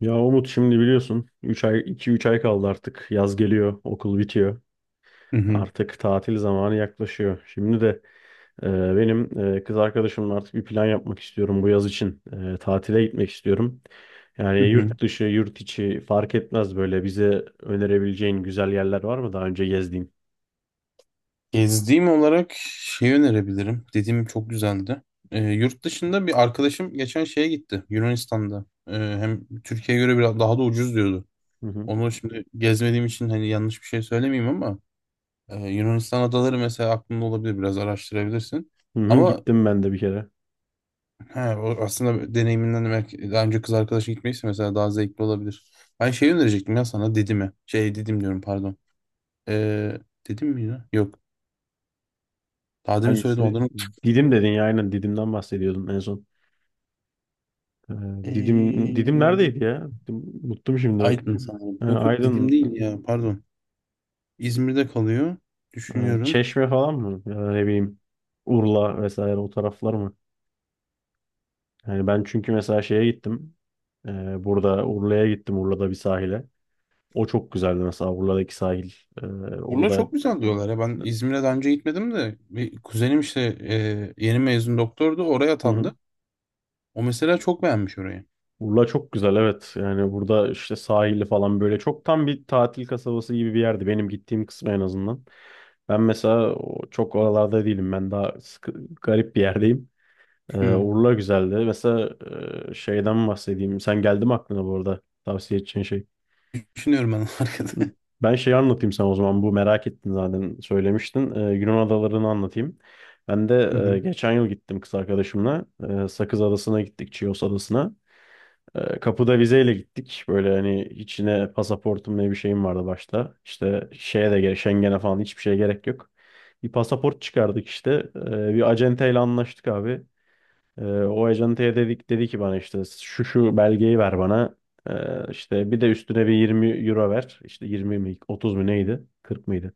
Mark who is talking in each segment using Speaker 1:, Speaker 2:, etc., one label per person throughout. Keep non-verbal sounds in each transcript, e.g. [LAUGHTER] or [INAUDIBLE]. Speaker 1: Ya Umut şimdi biliyorsun 3 ay 2-3 ay kaldı artık. Yaz geliyor, okul bitiyor.
Speaker 2: Hı hı,
Speaker 1: Artık tatil zamanı yaklaşıyor. Şimdi de e, benim kız arkadaşımla artık bir plan yapmak istiyorum bu yaz için. Tatile gitmek istiyorum. Yani
Speaker 2: hı hı.
Speaker 1: yurt dışı, yurt içi fark etmez, böyle bize önerebileceğin güzel yerler var mı daha önce gezdiğin?
Speaker 2: Gezdiğim olarak şey önerebilirim. Dediğim çok güzeldi. Yurt dışında bir arkadaşım geçen şeye gitti. Yunanistan'da. Hem Türkiye'ye göre biraz daha da ucuz diyordu.
Speaker 1: Hı hı.
Speaker 2: Onu şimdi gezmediğim için hani yanlış bir şey söylemeyeyim ama Yunanistan adaları mesela aklında olabilir. Biraz araştırabilirsin.
Speaker 1: Hı hı,
Speaker 2: Ama
Speaker 1: gittim ben de bir kere.
Speaker 2: he, o aslında deneyiminden de belki daha önce kız arkadaşı gitmeyse mesela daha zevkli olabilir. Ben şey önerecektim ya sana Didim'e. Şey Didim diyorum pardon. Ee, Didim mi ya? Yok. Daha demin söyledim
Speaker 1: Hangisi?
Speaker 2: adını.
Speaker 1: Didim dedin ya, aynen Didim'den bahsediyordun en son. E, Didim neredeydi
Speaker 2: Ee,
Speaker 1: ya? Unuttum şimdi, bak.
Speaker 2: Aydın sanırım. Yok yok Didim
Speaker 1: Aydın.
Speaker 2: değil ya pardon. İzmir'de kalıyor.
Speaker 1: Yani
Speaker 2: Düşünüyorum.
Speaker 1: Çeşme falan mı? Ya da ne bileyim, Urla vesaire o taraflar mı? Yani ben çünkü mesela şeye gittim. Burada Urla'ya gittim. Urla'da bir sahile. O çok güzeldi mesela, Urla'daki sahil. Ee,
Speaker 2: Urla
Speaker 1: orada
Speaker 2: çok güzel diyorlar ya. Ben İzmir'e daha önce gitmedim de bir kuzenim işte yeni mezun doktordu. Oraya
Speaker 1: Hı
Speaker 2: atandı.
Speaker 1: hı.
Speaker 2: O mesela çok beğenmiş orayı.
Speaker 1: Urla çok güzel, evet. Yani burada işte sahili falan böyle çok tam bir tatil kasabası gibi bir yerdi. Benim gittiğim kısmı en azından. Ben mesela çok oralarda değilim. Ben daha sıkı, garip bir yerdeyim.
Speaker 2: Hı.
Speaker 1: Urla güzeldi. Mesela şeyden bahsedeyim. Sen geldi mi aklına bu arada tavsiye edeceğin şey?
Speaker 2: Düşünüyorum ben [LAUGHS] arkada.
Speaker 1: Ben şeyi anlatayım sana o zaman. Bu merak ettin zaten, söylemiştin. Yunan adalarını anlatayım. Ben de
Speaker 2: Hı hı.
Speaker 1: geçen yıl gittim kız arkadaşımla. Sakız Adası'na gittik, Chios Adası'na. Kapıda vizeyle gittik. Böyle hani içine pasaportum ne bir şeyim vardı başta. İşte şeye de gerek, Schengen'e falan hiçbir şeye gerek yok. Bir pasaport çıkardık işte. Bir acenteyle anlaştık abi. O ajantaya dedik, dedi ki bana işte şu şu belgeyi ver bana. İşte bir de üstüne bir 20 € ver. İşte 20 mi 30 mu neydi? 40 mıydı?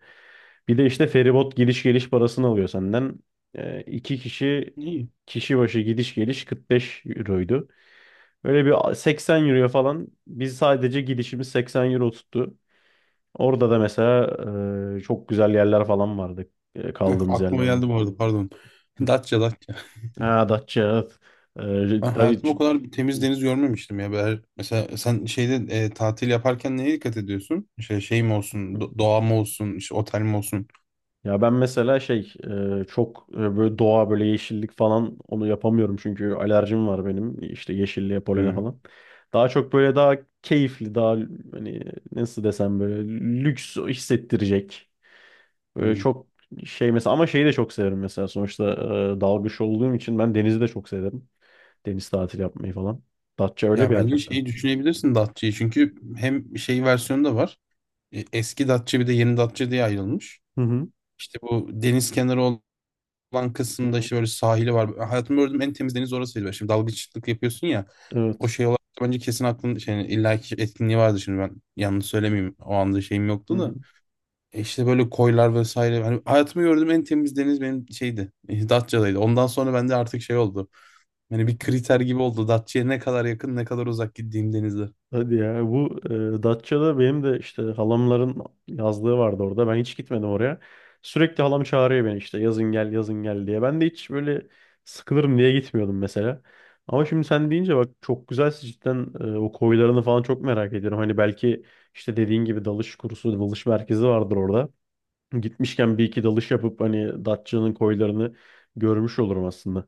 Speaker 1: Bir de işte feribot gidiş geliş parasını alıyor senden. İki
Speaker 2: İyi.
Speaker 1: kişi başı gidiş geliş 45 euroydu. Böyle bir 80 euroya falan, biz sadece gidişimiz 80 € tuttu. Orada da mesela çok güzel yerler falan vardı.
Speaker 2: Heh,
Speaker 1: Kaldığımız yerler
Speaker 2: aklıma
Speaker 1: falan.
Speaker 2: geldi bu arada pardon. [LAUGHS]
Speaker 1: Hı.
Speaker 2: Datça.
Speaker 1: Ha, Datça. Evet.
Speaker 2: Ben
Speaker 1: Tabii.
Speaker 2: hayatımda o kadar bir temiz deniz görmemiştim ya. Mesela sen şeyde tatil yaparken neye dikkat ediyorsun? Şey, şey mi olsun, doğa mı olsun, işte otel mi olsun?
Speaker 1: Ya ben mesela çok, böyle doğa, böyle yeşillik falan, onu yapamıyorum çünkü alerjim var benim işte yeşilliğe, polene
Speaker 2: Hı.
Speaker 1: falan. Daha çok böyle daha keyifli, daha hani, nasıl desem, böyle lüks hissettirecek. Böyle
Speaker 2: Hmm.
Speaker 1: çok şey mesela, ama şeyi de çok severim mesela. Sonuçta dalgıç olduğum için ben denizi de çok severim. Deniz tatili yapmayı falan. Datça öyle bir
Speaker 2: Ya
Speaker 1: yer
Speaker 2: bence
Speaker 1: mesela.
Speaker 2: şeyi düşünebilirsin Datça'yı. Çünkü hem şey versiyonu da var. Eski Datça bir de yeni Datça diye ayrılmış.
Speaker 1: Hı hı.
Speaker 2: İşte bu deniz kenarı olan
Speaker 1: Hı
Speaker 2: kısımda
Speaker 1: hı.
Speaker 2: işte böyle sahili var. Hayatımda gördüğüm en temiz deniz orasıydı. Şimdi dalgıçlık yapıyorsun ya. O
Speaker 1: Evet.
Speaker 2: şey olarak da bence kesin aklın şey, illaki etkinliği vardı şimdi ben yanlış söylemeyeyim. O anda şeyim
Speaker 1: Hı
Speaker 2: yoktu
Speaker 1: hı.
Speaker 2: da. E işte böyle koylar vesaire. Hani hayatımda gördüğüm en temiz deniz benim şeydi. Datça'daydı. Ondan sonra bende artık şey oldu. Yani bir kriter gibi oldu. Datça'ya ne kadar yakın ne kadar uzak gittiğim denizler.
Speaker 1: Hadi ya, bu Datça'da benim de işte halamların yazlığı vardı orada. Ben hiç gitmedim oraya. Sürekli halam çağırıyor beni işte yazın gel, yazın gel diye. Ben de hiç böyle sıkılırım diye gitmiyordum mesela. Ama şimdi sen deyince bak, çok güzel cidden. O koylarını falan çok merak ediyorum. Hani belki işte dediğin gibi dalış kursu, dalış merkezi vardır orada. Gitmişken bir iki dalış yapıp hani Datça'nın koylarını görmüş olurum aslında.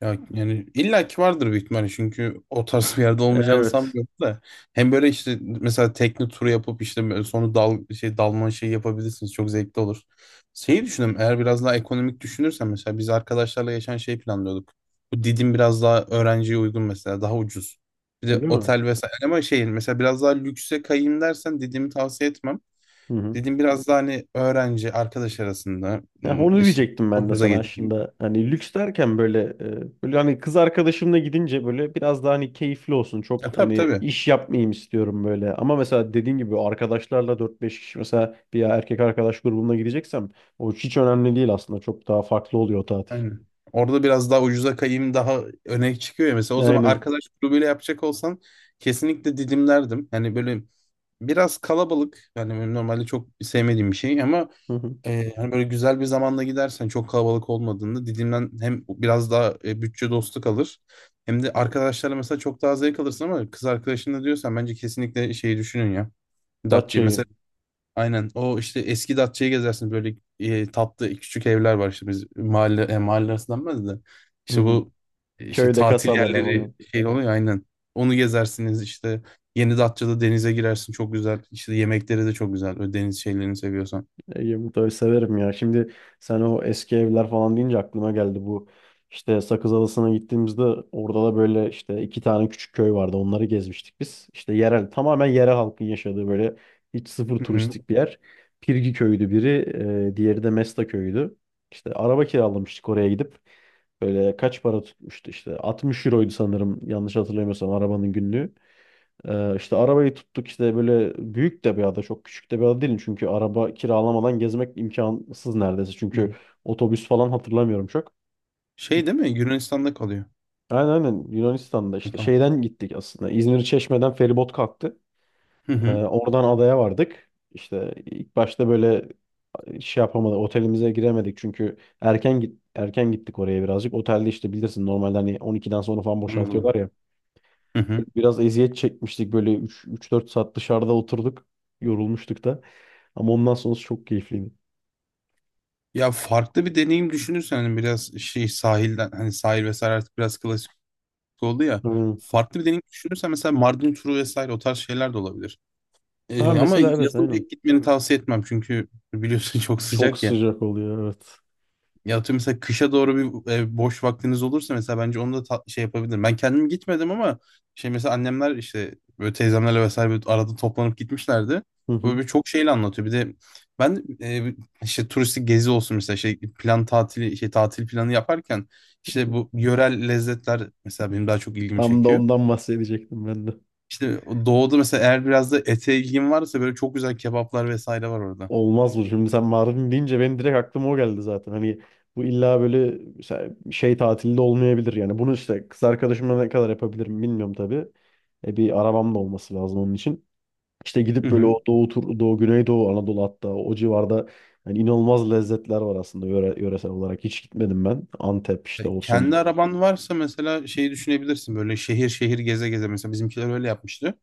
Speaker 2: Ya yani illaki vardır büyük ihtimalle çünkü o tarz [LAUGHS] bir yerde olmayacağını
Speaker 1: Evet.
Speaker 2: sanmıyorum da hem böyle işte mesela tekne turu yapıp işte böyle sonra dal şey dalma şeyi yapabilirsiniz çok zevkli olur. Şeyi düşündüm, eğer biraz daha ekonomik düşünürsen mesela biz arkadaşlarla geçen şey planlıyorduk. Bu Didim biraz daha öğrenciye uygun, mesela daha ucuz. Bir de
Speaker 1: Öyle mi?
Speaker 2: otel vesaire ama şey mesela biraz daha lükse kayayım dersen Didim'i tavsiye etmem.
Speaker 1: Hı hı.
Speaker 2: Didim biraz daha hani öğrenci arkadaş arasında,
Speaker 1: Ya, onu
Speaker 2: işte
Speaker 1: diyecektim ben
Speaker 2: o
Speaker 1: de
Speaker 2: göze
Speaker 1: sana
Speaker 2: getireyim.
Speaker 1: aslında. Hani lüks derken böyle, böyle hani kız arkadaşımla gidince böyle biraz daha hani keyifli olsun. Çok
Speaker 2: Tabii
Speaker 1: hani
Speaker 2: tabii.
Speaker 1: iş yapmayayım istiyorum böyle. Ama mesela dediğin gibi arkadaşlarla dört beş kişi mesela, bir erkek arkadaş grubumla gideceksem, o hiç önemli değil aslında. Çok daha farklı oluyor o tatil.
Speaker 2: Aynen. Orada biraz daha ucuza kayayım daha öne çıkıyor ya. Mesela o zaman
Speaker 1: Aynen.
Speaker 2: arkadaş grubuyla yapacak olsan kesinlikle didimlerdim. Yani böyle biraz kalabalık. Yani benim normalde çok sevmediğim bir şey ama
Speaker 1: Hı hı.
Speaker 2: hani böyle güzel bir zamanda gidersen çok kalabalık olmadığında didimden hem biraz daha bütçe dostu kalır. Hem de arkadaşlarla mesela çok daha zevk alırsın ama kız arkadaşınla diyorsan bence kesinlikle şeyi düşünün ya. Datça'yı.
Speaker 1: Datça'yı.
Speaker 2: Mesela aynen. O işte eski Datça'yı gezersin. Böyle tatlı küçük evler var işte biz mahalle arası denmez de.
Speaker 1: Hı
Speaker 2: İşte
Speaker 1: hı.
Speaker 2: bu işte
Speaker 1: Köyde,
Speaker 2: tatil
Speaker 1: kasabada
Speaker 2: yerleri
Speaker 1: falan.
Speaker 2: şey oluyor ya, aynen. Onu gezersiniz işte. Yeni Datça'da denize girersin çok güzel. İşte yemekleri de çok güzel. Böyle deniz şeylerini seviyorsan.
Speaker 1: Ege Mutlu'yu severim ya. Şimdi sen o eski evler falan deyince aklıma geldi bu. İşte Sakız Adası'na gittiğimizde orada da böyle işte iki tane küçük köy vardı. Onları gezmiştik biz. İşte yerel, tamamen yerel halkın yaşadığı böyle hiç sıfır
Speaker 2: Hı hı.
Speaker 1: turistik bir yer. Pirgi köyüydü biri, diğeri de Mesta köyüydü. İşte araba kiralamıştık oraya gidip. Böyle kaç para tutmuştu işte, 60 euroydu sanırım yanlış hatırlamıyorsam, arabanın günlüğü. İşte arabayı tuttuk. İşte böyle büyük de bir ada, çok küçük de bir ada değil, çünkü araba kiralamadan gezmek imkansız neredeyse, çünkü
Speaker 2: Hı.
Speaker 1: otobüs falan hatırlamıyorum çok. Git-
Speaker 2: Şey değil mi? Yunanistan'da kalıyor.
Speaker 1: Aynen aynen, Yunanistan'da
Speaker 2: Hı,
Speaker 1: işte
Speaker 2: tamam.
Speaker 1: şeyden gittik aslında, İzmir Çeşme'den feribot kalktı.
Speaker 2: Hı hı.
Speaker 1: Oradan adaya vardık. İşte ilk başta böyle şey yapamadık, otelimize giremedik çünkü erken erken gittik oraya birazcık. Otelde işte bilirsin, normalde hani 12'den sonra falan boşaltıyorlar
Speaker 2: Anladım.
Speaker 1: ya.
Speaker 2: Hı hı.
Speaker 1: Böyle biraz eziyet çekmiştik, böyle 3 3-4 saat dışarıda oturduk. Yorulmuştuk da. Ama ondan sonrası çok keyifliydi.
Speaker 2: Ya farklı bir deneyim düşünürsen hani biraz şey sahilden hani sahil vesaire artık biraz klasik oldu ya.
Speaker 1: Aynen.
Speaker 2: Farklı bir deneyim düşünürsen mesela Mardin turu vesaire o tarz şeyler de olabilir.
Speaker 1: Ha
Speaker 2: Ama
Speaker 1: mesela, evet
Speaker 2: yazın
Speaker 1: aynen.
Speaker 2: pek gitmeni tavsiye etmem çünkü biliyorsun [LAUGHS] çok
Speaker 1: Çok
Speaker 2: sıcak ya.
Speaker 1: sıcak oluyor, evet.
Speaker 2: Ya atıyorum mesela kışa doğru bir boş vaktiniz olursa mesela bence onu da şey yapabilirim. Ben kendim gitmedim ama şey mesela annemler işte böyle teyzemlerle vesaire böyle arada toplanıp gitmişlerdi.
Speaker 1: Hı
Speaker 2: Böyle
Speaker 1: hı.
Speaker 2: bir çok şeyle anlatıyor. Bir de ben işte turistik gezi olsun mesela şey plan tatili şey tatil planı yaparken işte bu yörel lezzetler mesela benim daha çok ilgimi
Speaker 1: Tam da
Speaker 2: çekiyor.
Speaker 1: ondan bahsedecektim ben de.
Speaker 2: İşte o doğuda mesela eğer biraz da ete ilgin varsa böyle çok güzel kebaplar vesaire var orada.
Speaker 1: Olmaz bu. Şimdi sen Mardin deyince benim direkt aklıma o geldi zaten. Hani bu illa böyle mesela şey tatilde olmayabilir yani. Bunu işte kız arkadaşımla ne kadar yapabilirim bilmiyorum tabii. E, bir arabam da olması lazım onun için. İşte
Speaker 2: Hı
Speaker 1: gidip böyle
Speaker 2: hı.
Speaker 1: o Doğu, Güneydoğu, Anadolu hatta o civarda, yani inanılmaz lezzetler var aslında yöresel olarak. Hiç gitmedim ben. Antep işte olsun.
Speaker 2: Kendi araban varsa mesela şeyi düşünebilirsin böyle şehir şehir geze geze, mesela bizimkiler öyle yapmıştı.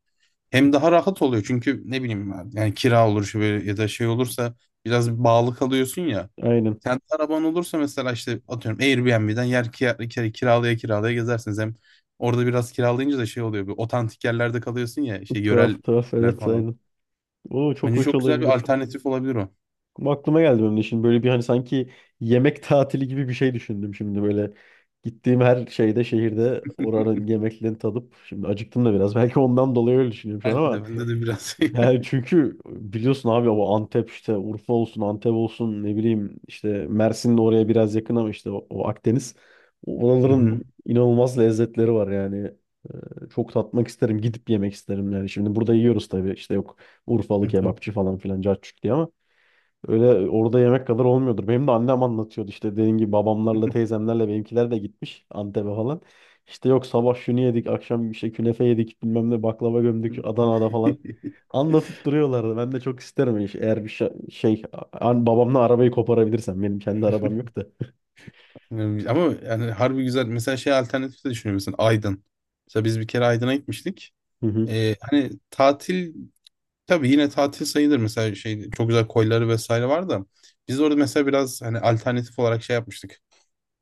Speaker 1: Hı hı.
Speaker 2: Hem daha rahat oluyor çünkü ne bileyim ben, yani kira olur şu böyle ya da şey olursa biraz bağlı kalıyorsun ya.
Speaker 1: Aynen.
Speaker 2: Kendi araban olursa mesela işte atıyorum Airbnb'den yer kiralaya kiralaya gezersiniz. Hem orada biraz kiralayınca da şey oluyor, bir otantik yerlerde kalıyorsun ya şey
Speaker 1: Tuhaf tuhaf,
Speaker 2: yöreller
Speaker 1: evet
Speaker 2: falan.
Speaker 1: aynen. Oo, çok
Speaker 2: Bence
Speaker 1: hoş
Speaker 2: çok güzel bir
Speaker 1: olabilir.
Speaker 2: alternatif olabilir o.
Speaker 1: Ama aklıma geldi benim de şimdi böyle bir hani, sanki yemek [LAUGHS] tatili gibi bir şey düşündüm şimdi böyle. Gittiğim her şehirde
Speaker 2: [LAUGHS]
Speaker 1: oranın yemeklerini tadıp, şimdi acıktım da biraz [LAUGHS] belki ondan dolayı öyle düşünüyorum şu an.
Speaker 2: Belki
Speaker 1: Ama
Speaker 2: de bende de biraz.
Speaker 1: yani
Speaker 2: [LAUGHS]
Speaker 1: çünkü biliyorsun abi, o Antep işte, Urfa olsun Antep olsun ne bileyim, işte Mersin de oraya biraz yakın ama işte o Akdeniz.
Speaker 2: Hı hı.
Speaker 1: Oraların inanılmaz lezzetleri var yani. Çok tatmak isterim, gidip yemek isterim yani. Şimdi burada yiyoruz tabii, işte yok Urfalı
Speaker 2: Tabii.
Speaker 1: kebapçı falan filan cacık diye, ama öyle orada yemek kadar olmuyordur. Benim de annem anlatıyordu işte, dediğim gibi babamlarla teyzemlerle benimkiler de gitmiş Antep'e falan. İşte yok, sabah şunu yedik, akşam işte künefe yedik, bilmem ne, baklava gömdük
Speaker 2: [LAUGHS]
Speaker 1: Adana'da falan. Anlatıp duruyorlardı. Ben de çok isterim eğer bir babamla arabayı koparabilirsem. Benim kendi arabam yok da.
Speaker 2: Yani ama yani harbi güzel. Mesela şey alternatif de düşünüyorum. Mesela Aydın. Mesela biz bir kere Aydın'a gitmiştik.
Speaker 1: [LAUGHS] Hı hı,
Speaker 2: Hani tatil, tabii yine tatil sayılır. Mesela şey çok güzel koyları vesaire var da. Biz orada mesela biraz hani alternatif olarak şey yapmıştık.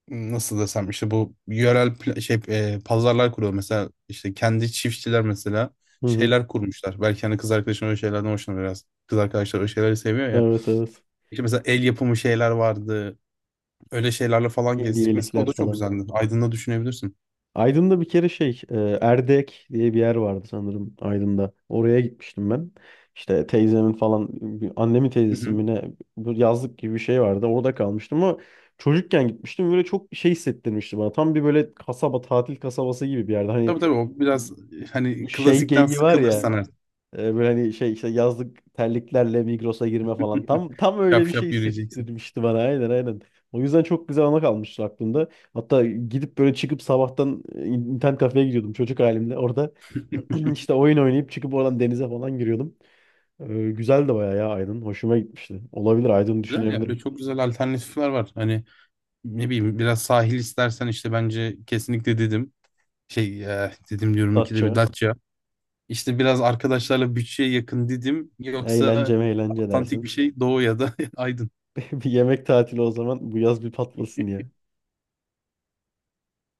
Speaker 2: Nasıl desem, işte bu yörel pla- şey e, pazarlar kuruyor. Mesela işte kendi çiftçiler mesela
Speaker 1: hı hı.
Speaker 2: şeyler kurmuşlar. Belki hani kız arkadaşın öyle şeylerden hoşlanır biraz. Kız arkadaşlar öyle şeyleri seviyor.
Speaker 1: Evet evet.
Speaker 2: İşte mesela el yapımı şeyler vardı. Öyle şeylerle falan gezdik. Mesela o
Speaker 1: Hediyelikler
Speaker 2: da çok
Speaker 1: falan.
Speaker 2: güzeldi. Aydın'da düşünebilirsin.
Speaker 1: Aydın'da bir kere Erdek diye bir yer vardı sanırım Aydın'da. Oraya gitmiştim ben. İşte teyzemin falan annemin
Speaker 2: Hı
Speaker 1: teyzesinin
Speaker 2: hı.
Speaker 1: mi ne, bu yazlık gibi bir şey vardı. Orada kalmıştım ama çocukken gitmiştim. Böyle çok şey hissettirmişti bana. Tam bir böyle kasaba, tatil kasabası gibi bir yerde. Hani
Speaker 2: Tabii tabii, o biraz hani
Speaker 1: şey
Speaker 2: klasikten
Speaker 1: geyiği var ya.
Speaker 2: sıkılırsan artık.
Speaker 1: Böyle hani şey işte yazlık terliklerle Migros'a girme falan.
Speaker 2: [LAUGHS]
Speaker 1: Tam öyle
Speaker 2: Şap
Speaker 1: bir şey
Speaker 2: şap yürüyeceksin.
Speaker 1: hissettirmişti bana. Aynen aynen. O yüzden çok güzel ana kalmıştı aklımda. Hatta gidip böyle çıkıp sabahtan internet kafeye gidiyordum çocuk halimle. Orada [CLEARS THROAT] işte oyun oynayıp çıkıp oradan denize falan giriyordum. Güzel de bayağı ya Aydın. Hoşuma gitmişti. Olabilir, Aydın
Speaker 2: Güzel ya, öyle
Speaker 1: düşünebilirim.
Speaker 2: çok güzel alternatifler var. Hani ne bileyim, biraz sahil istersen işte bence kesinlikle dedim. Dedim diyorum ikide bir
Speaker 1: Datça.
Speaker 2: Datça. İşte biraz arkadaşlarla bütçeye yakın dedim. Yoksa
Speaker 1: Eğlence mi eğlence
Speaker 2: otantik bir
Speaker 1: dersin.
Speaker 2: şey, Doğu ya da [LAUGHS] Aydın.
Speaker 1: [LAUGHS] Bir yemek tatili o zaman, bu yaz bir patlasın.